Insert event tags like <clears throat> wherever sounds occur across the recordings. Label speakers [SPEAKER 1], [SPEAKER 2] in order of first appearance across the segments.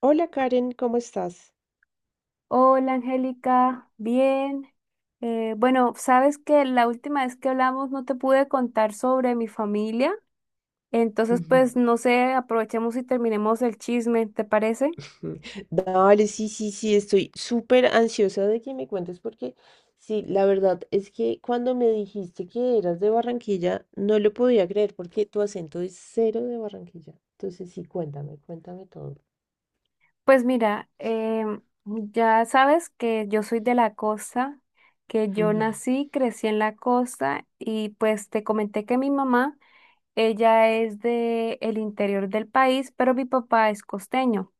[SPEAKER 1] Hola Karen, ¿cómo estás?
[SPEAKER 2] Hola Angélica, bien. Bueno, sabes que la última vez que hablamos no te pude contar sobre mi familia, entonces
[SPEAKER 1] Ujú.
[SPEAKER 2] pues no sé, aprovechemos y terminemos el chisme, ¿te parece?
[SPEAKER 1] <laughs> Dale, sí, sí, sí, estoy súper ansiosa de que me cuentes porque sí, la verdad es que cuando me dijiste que eras de Barranquilla, no lo podía creer porque tu acento es cero de Barranquilla. Entonces sí, cuéntame, cuéntame todo.
[SPEAKER 2] Pues mira, ya sabes que yo soy de la costa, que yo
[SPEAKER 1] Ujú,
[SPEAKER 2] nací, crecí en la costa y pues te comenté que mi mamá, ella es de el interior del país, pero mi papá es costeño.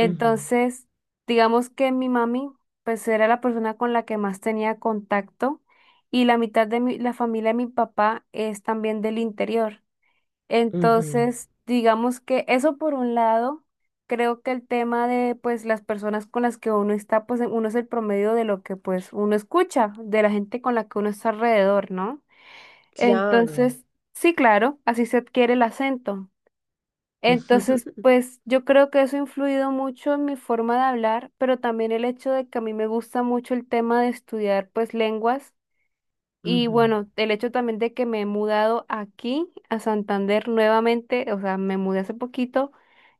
[SPEAKER 1] ujú,
[SPEAKER 2] digamos que mi mami, pues era la persona con la que más tenía contacto y la mitad de mi, la familia de mi papá es también del interior.
[SPEAKER 1] ujú.
[SPEAKER 2] Entonces, digamos que eso por un lado, creo que el tema de pues las personas con las que uno está, pues uno es el promedio de lo que pues uno escucha, de la gente con la que uno está alrededor, ¿no?
[SPEAKER 1] Claro.
[SPEAKER 2] Entonces, sí, claro, así se adquiere el acento. Entonces,
[SPEAKER 1] <laughs>
[SPEAKER 2] pues yo creo que eso ha influido mucho en mi forma de hablar, pero también el hecho de que a mí me gusta mucho el tema de estudiar pues lenguas y
[SPEAKER 1] Ujú.
[SPEAKER 2] bueno, el hecho también de que me he mudado aquí a Santander nuevamente, o sea, me mudé hace poquito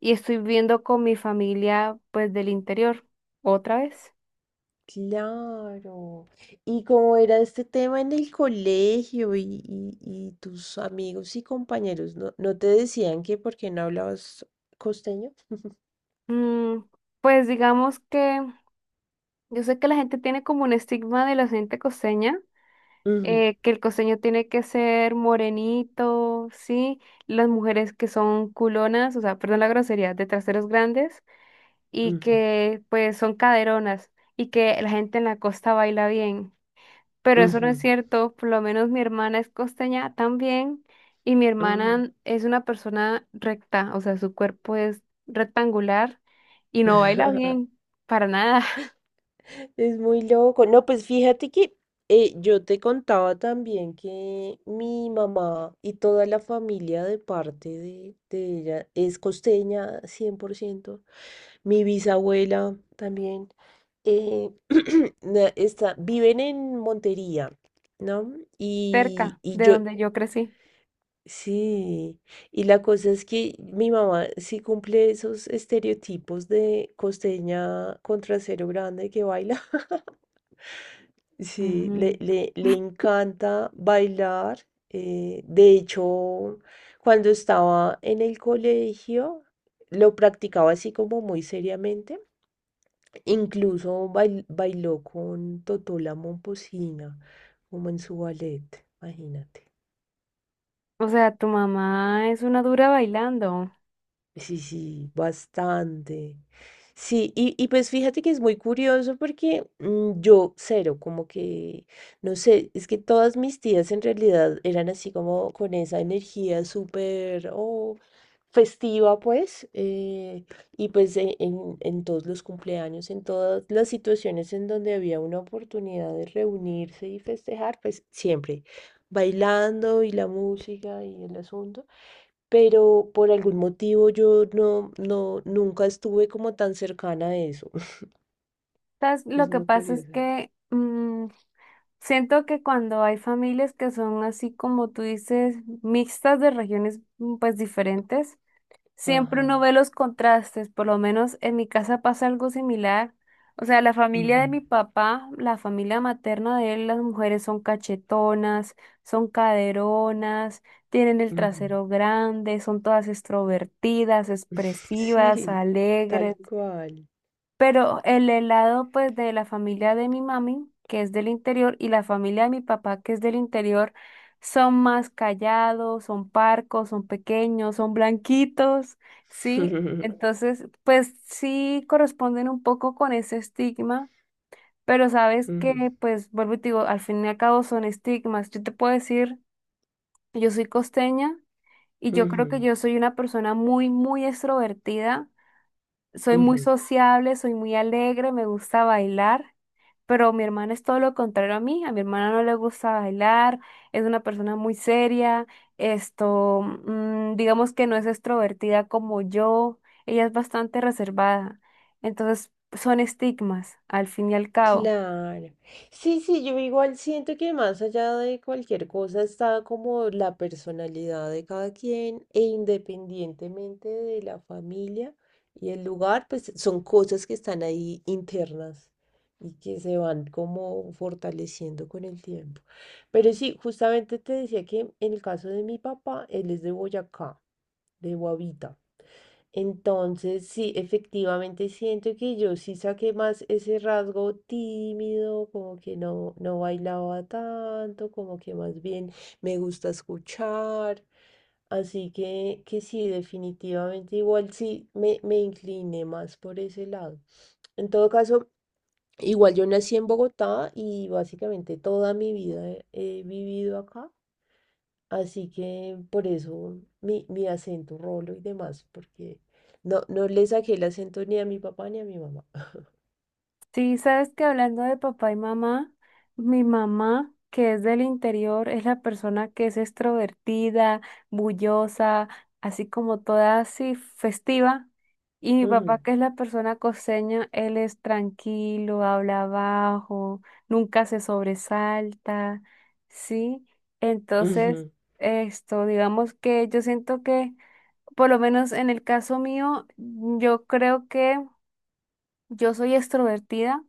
[SPEAKER 2] y estoy viviendo con mi familia pues del interior otra vez.
[SPEAKER 1] Claro. ¿Y cómo era este tema en el colegio y tus amigos y compañeros? ¿No, no te decían que por qué no hablabas costeño?
[SPEAKER 2] Mm, pues digamos que yo sé que la gente tiene como un estigma de la gente costeña
[SPEAKER 1] Ujú,
[SPEAKER 2] que el costeño tiene que ser morenito, ¿sí? Las mujeres que son culonas, o sea, perdón la grosería, de traseros grandes y
[SPEAKER 1] ujú,
[SPEAKER 2] que pues son caderonas y que la gente en la costa baila bien. Pero eso no
[SPEAKER 1] ujú,
[SPEAKER 2] es cierto, por lo menos mi hermana es costeña también y mi
[SPEAKER 1] ujú.
[SPEAKER 2] hermana es una persona recta, o sea, su cuerpo es rectangular y no baila
[SPEAKER 1] <laughs>
[SPEAKER 2] bien, para nada, <laughs>
[SPEAKER 1] Es muy loco. No, pues fíjate que yo te contaba también que mi mamá y toda la familia de parte de ella es costeña 100%. Mi bisabuela también. eh, <clears throat> está, viven en Montería, ¿no?
[SPEAKER 2] cerca
[SPEAKER 1] Y
[SPEAKER 2] de
[SPEAKER 1] yo
[SPEAKER 2] donde yo crecí.
[SPEAKER 1] sí, y la cosa es que mi mamá sí cumple esos estereotipos de costeña con trasero grande que baila. <laughs> Sí,
[SPEAKER 2] Ujú.
[SPEAKER 1] le encanta bailar. De hecho, cuando estaba en el colegio, lo practicaba así como muy seriamente. Incluso bailó con Totola Momposina, como en su ballet, imagínate.
[SPEAKER 2] O sea, tu mamá es una dura bailando.
[SPEAKER 1] Sí, sí, bastante. Sí, y pues fíjate que es muy curioso porque yo cero, como que, no sé, es que todas mis tías en realidad eran así como con esa energía súper oh, festiva, pues, y pues en todos los cumpleaños, en todas las situaciones en donde había una oportunidad de reunirse y festejar, pues siempre bailando y la música y el asunto, pero por algún motivo yo no, no, nunca estuve como tan cercana a eso. <laughs>
[SPEAKER 2] ¿Sabes?
[SPEAKER 1] Es
[SPEAKER 2] Lo que
[SPEAKER 1] muy
[SPEAKER 2] pasa es
[SPEAKER 1] curiosa.
[SPEAKER 2] que mm, siento que cuando hay familias que son así como tú dices, mixtas de regiones pues diferentes, siempre
[SPEAKER 1] Ajá.
[SPEAKER 2] uno ve los contrastes. Por lo menos en mi casa pasa algo similar. O sea, la familia
[SPEAKER 1] Ujú,
[SPEAKER 2] de mi papá, la familia materna de él, las mujeres son cachetonas, son caderonas, tienen el
[SPEAKER 1] ujú.
[SPEAKER 2] trasero grande, son todas extrovertidas,
[SPEAKER 1] <laughs>
[SPEAKER 2] expresivas,
[SPEAKER 1] Sí,
[SPEAKER 2] alegres.
[SPEAKER 1] tal cual.
[SPEAKER 2] Pero el helado, pues, de la familia de mi mami, que es del interior, y la familia de mi papá, que es del interior, son más callados, son parcos, son pequeños, son blanquitos, ¿sí?
[SPEAKER 1] <laughs>
[SPEAKER 2] Entonces, pues sí corresponden un poco con ese estigma, pero sabes que,
[SPEAKER 1] Ujú,
[SPEAKER 2] pues, vuelvo y te digo, al fin y al cabo son estigmas. Yo te puedo decir, yo soy costeña y yo creo que
[SPEAKER 1] ujú,
[SPEAKER 2] yo soy una persona muy, muy extrovertida, soy muy
[SPEAKER 1] ujú.
[SPEAKER 2] sociable, soy muy alegre, me gusta bailar, pero mi hermana es todo lo contrario a mí. A mi hermana no le gusta bailar, es una persona muy seria, esto, digamos que no es extrovertida como yo, ella es bastante reservada. Entonces, son estigmas, al fin y al cabo.
[SPEAKER 1] Claro. Sí, sí, yo igual siento que más allá de cualquier cosa está como la personalidad de cada quien e independientemente de la familia y el lugar, pues son cosas que están ahí internas y que se van como fortaleciendo con el tiempo. Pero sí, justamente te decía que en el caso de mi papá, él es de Boyacá, de Guavita. Entonces, sí, efectivamente siento que yo sí saqué más ese rasgo tímido, como que no, no bailaba tanto, como que más bien me gusta escuchar. Así que sí, definitivamente igual sí me incliné más por ese lado. En todo caso, igual yo nací en Bogotá y básicamente toda mi vida he vivido acá, así que por eso mi acento rolo y demás, porque no, no le saqué el acento ni a mi papá ni a mi mamá.
[SPEAKER 2] Sí, sabes que hablando de papá y mamá, mi mamá, que es del interior, es la persona que es extrovertida, bullosa, así como toda así festiva. Y mi papá,
[SPEAKER 1] Ujú,
[SPEAKER 2] que es la persona costeña, él es tranquilo, habla bajo, nunca se sobresalta, ¿sí? Entonces,
[SPEAKER 1] ujú,
[SPEAKER 2] esto, digamos que yo siento que, por lo menos en el caso mío, yo creo que... Yo soy extrovertida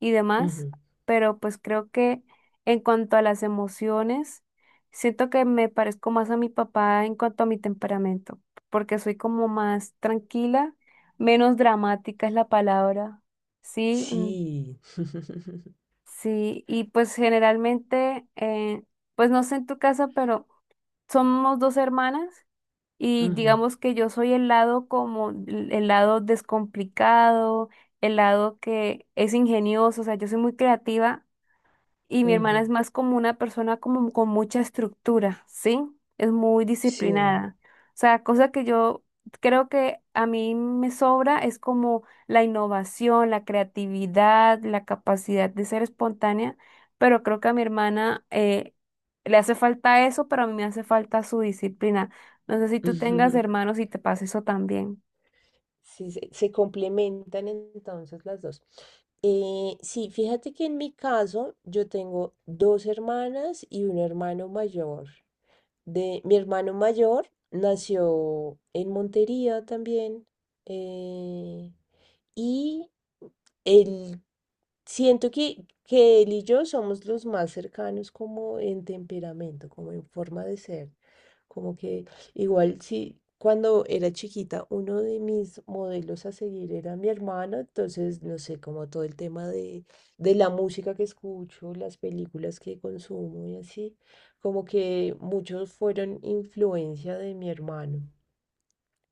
[SPEAKER 2] y demás,
[SPEAKER 1] ujú.
[SPEAKER 2] pero pues creo que en cuanto a las emociones, siento que me parezco más a mi papá en cuanto a mi temperamento, porque soy como más tranquila, menos dramática es la palabra. Sí, mm,
[SPEAKER 1] Sí. <laughs>
[SPEAKER 2] sí, y pues generalmente, pues no sé en tu casa, pero somos dos hermanas y
[SPEAKER 1] Ujú,
[SPEAKER 2] digamos que yo soy el lado como el lado descomplicado, el lado que es ingenioso, o sea, yo soy muy creativa y mi hermana
[SPEAKER 1] ujú.
[SPEAKER 2] es más como una persona como con mucha estructura, ¿sí? Es muy
[SPEAKER 1] Sí.
[SPEAKER 2] disciplinada. O sea, cosa que yo creo que a mí me sobra es como la innovación, la creatividad, la capacidad de ser espontánea, pero creo que a mi hermana le hace falta eso, pero a mí me hace falta su disciplina. No sé si tú tengas
[SPEAKER 1] <laughs>
[SPEAKER 2] hermanos y te pasa eso también.
[SPEAKER 1] Sí, se complementan entonces las dos. Sí, fíjate que en mi caso yo tengo dos hermanas y un hermano mayor. De mi hermano mayor nació en Montería también. eh, y Él, siento que él y yo somos los más cercanos como en temperamento, como en forma de ser. Como que igual si cuando era chiquita uno de mis modelos a seguir era mi hermano, entonces no sé, como todo el tema de la música que escucho, las películas que consumo y así como que muchos fueron influencia de mi hermano.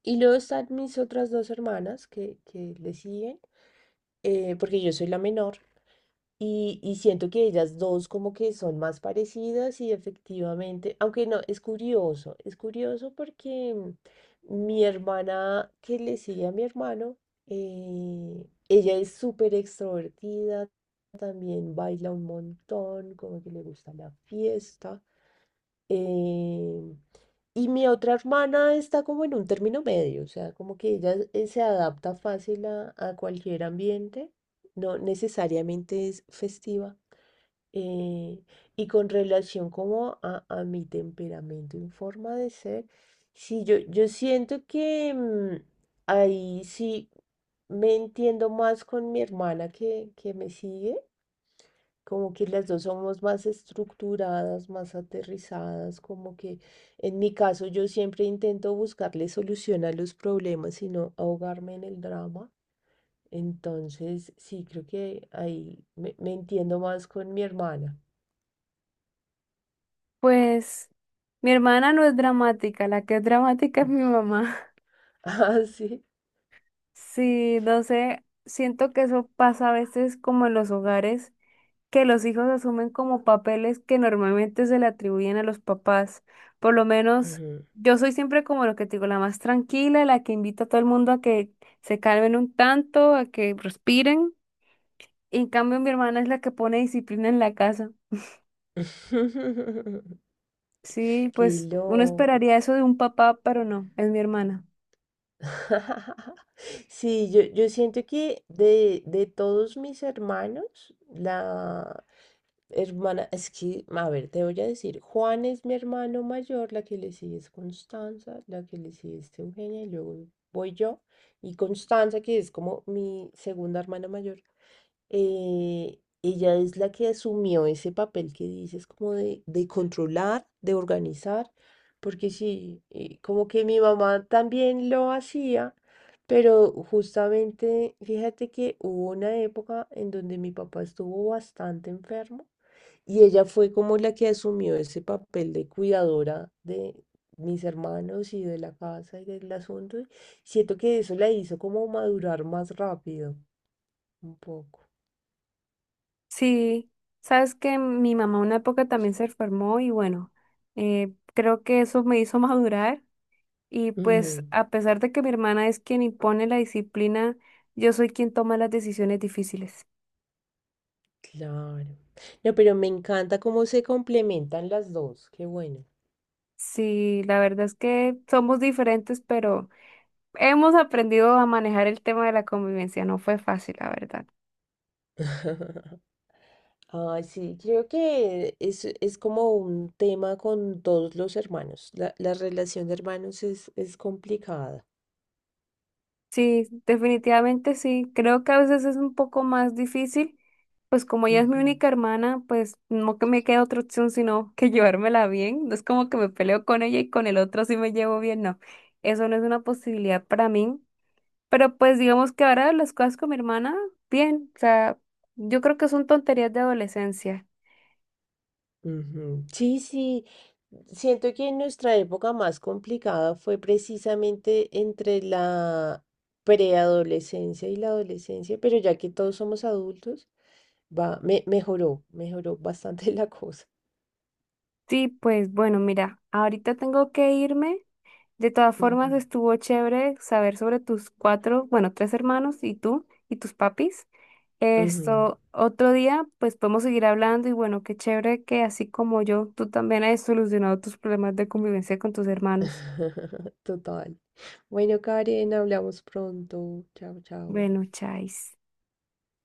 [SPEAKER 1] Y luego están mis otras dos hermanas que le siguen, porque yo soy la menor. Y siento que ellas dos como que son más parecidas y efectivamente, aunque no, es curioso porque mi hermana que le sigue a mi hermano, ella es súper extrovertida, también baila un montón, como que le gusta la fiesta. Eh, y mi otra hermana está como en un término medio, o sea, como que ella se adapta fácil a cualquier ambiente, no necesariamente es festiva. eh, y con relación como a mi temperamento y forma de ser, sí, yo siento que ahí sí me entiendo más con mi hermana que me sigue. Como que las dos somos más estructuradas, más aterrizadas, como que en mi caso yo siempre intento buscarle solución a los problemas y no ahogarme en el drama. Entonces, sí, creo que ahí me entiendo más con mi hermana.
[SPEAKER 2] Pues mi hermana no es dramática, la que es dramática es mi mamá.
[SPEAKER 1] <laughs> Ah, sí.
[SPEAKER 2] Sí, no sé, siento que eso pasa a veces como en los hogares, que los hijos asumen como papeles que normalmente se le atribuyen a los papás. Por lo menos
[SPEAKER 1] Ujú.
[SPEAKER 2] yo soy siempre como lo que te digo, la más tranquila, la que invita a todo el mundo a que se calmen un tanto, a que respiren. Y en cambio mi hermana es la que pone disciplina en la casa.
[SPEAKER 1] <laughs>
[SPEAKER 2] Sí,
[SPEAKER 1] Qué
[SPEAKER 2] pues uno
[SPEAKER 1] loco.
[SPEAKER 2] esperaría eso de un papá, pero no, es mi hermana.
[SPEAKER 1] <laughs> Sí, yo siento que de todos mis hermanos, la, hermana, es que, a ver, te voy a decir, Juan es mi hermano mayor, la que le sigue es Constanza, la que le sigue es Eugenia, y luego voy yo, y Constanza, que es como mi segunda hermana mayor, ella es la que asumió ese papel que dices, como de controlar, de organizar, porque sí, como que mi mamá también lo hacía, pero justamente, fíjate que hubo una época en donde mi papá estuvo bastante enfermo. Y ella fue como la que asumió ese papel de cuidadora de mis hermanos y de la casa y del asunto, y siento que eso la hizo como madurar más rápido, un poco.
[SPEAKER 2] Sí, sabes que mi mamá una época también se enfermó y bueno, creo que eso me hizo <laughs> madurar y pues
[SPEAKER 1] Ujú,
[SPEAKER 2] a pesar de que mi hermana es quien impone la disciplina, yo soy quien toma las decisiones difíciles.
[SPEAKER 1] claro. No, pero me encanta cómo se complementan las dos. Qué bueno.
[SPEAKER 2] Sí, la verdad es que somos diferentes, pero hemos aprendido a manejar el tema de la convivencia. No fue fácil, la verdad.
[SPEAKER 1] <laughs> Ah, sí, creo que es como un tema con todos los hermanos. La relación de hermanos es complicada.
[SPEAKER 2] Sí, definitivamente sí. Creo que a veces es un poco más difícil, pues como ella es mi
[SPEAKER 1] Ujú.
[SPEAKER 2] única hermana, pues no que me quede otra opción sino que <laughs> llevármela bien. No es como que me peleo con ella y con el otro sí me llevo bien, no. Eso no es una posibilidad para mí. Pero pues digamos que ahora las cosas con mi hermana, bien. O sea, yo creo que son tonterías de adolescencia.
[SPEAKER 1] Ujú. Sí, sí, siento que nuestra época más complicada fue precisamente entre la preadolescencia y la adolescencia, pero ya que todos somos adultos, va, me, mejoró, mejoró bastante <laughs> la cosa.
[SPEAKER 2] Sí, pues bueno, mira, ahorita tengo que irme. De todas
[SPEAKER 1] Ujú,
[SPEAKER 2] formas, estuvo chévere saber sobre tus cuatro, bueno, tres hermanos y tú y tus papis.
[SPEAKER 1] ujú.
[SPEAKER 2] Esto, otro día, pues podemos seguir hablando y bueno, qué chévere que así como yo, tú también has solucionado tus problemas de convivencia con tus hermanos.
[SPEAKER 1] <laughs> Total. Bueno, Karen, hablamos pronto. Chao, chao.
[SPEAKER 2] Bueno, chais.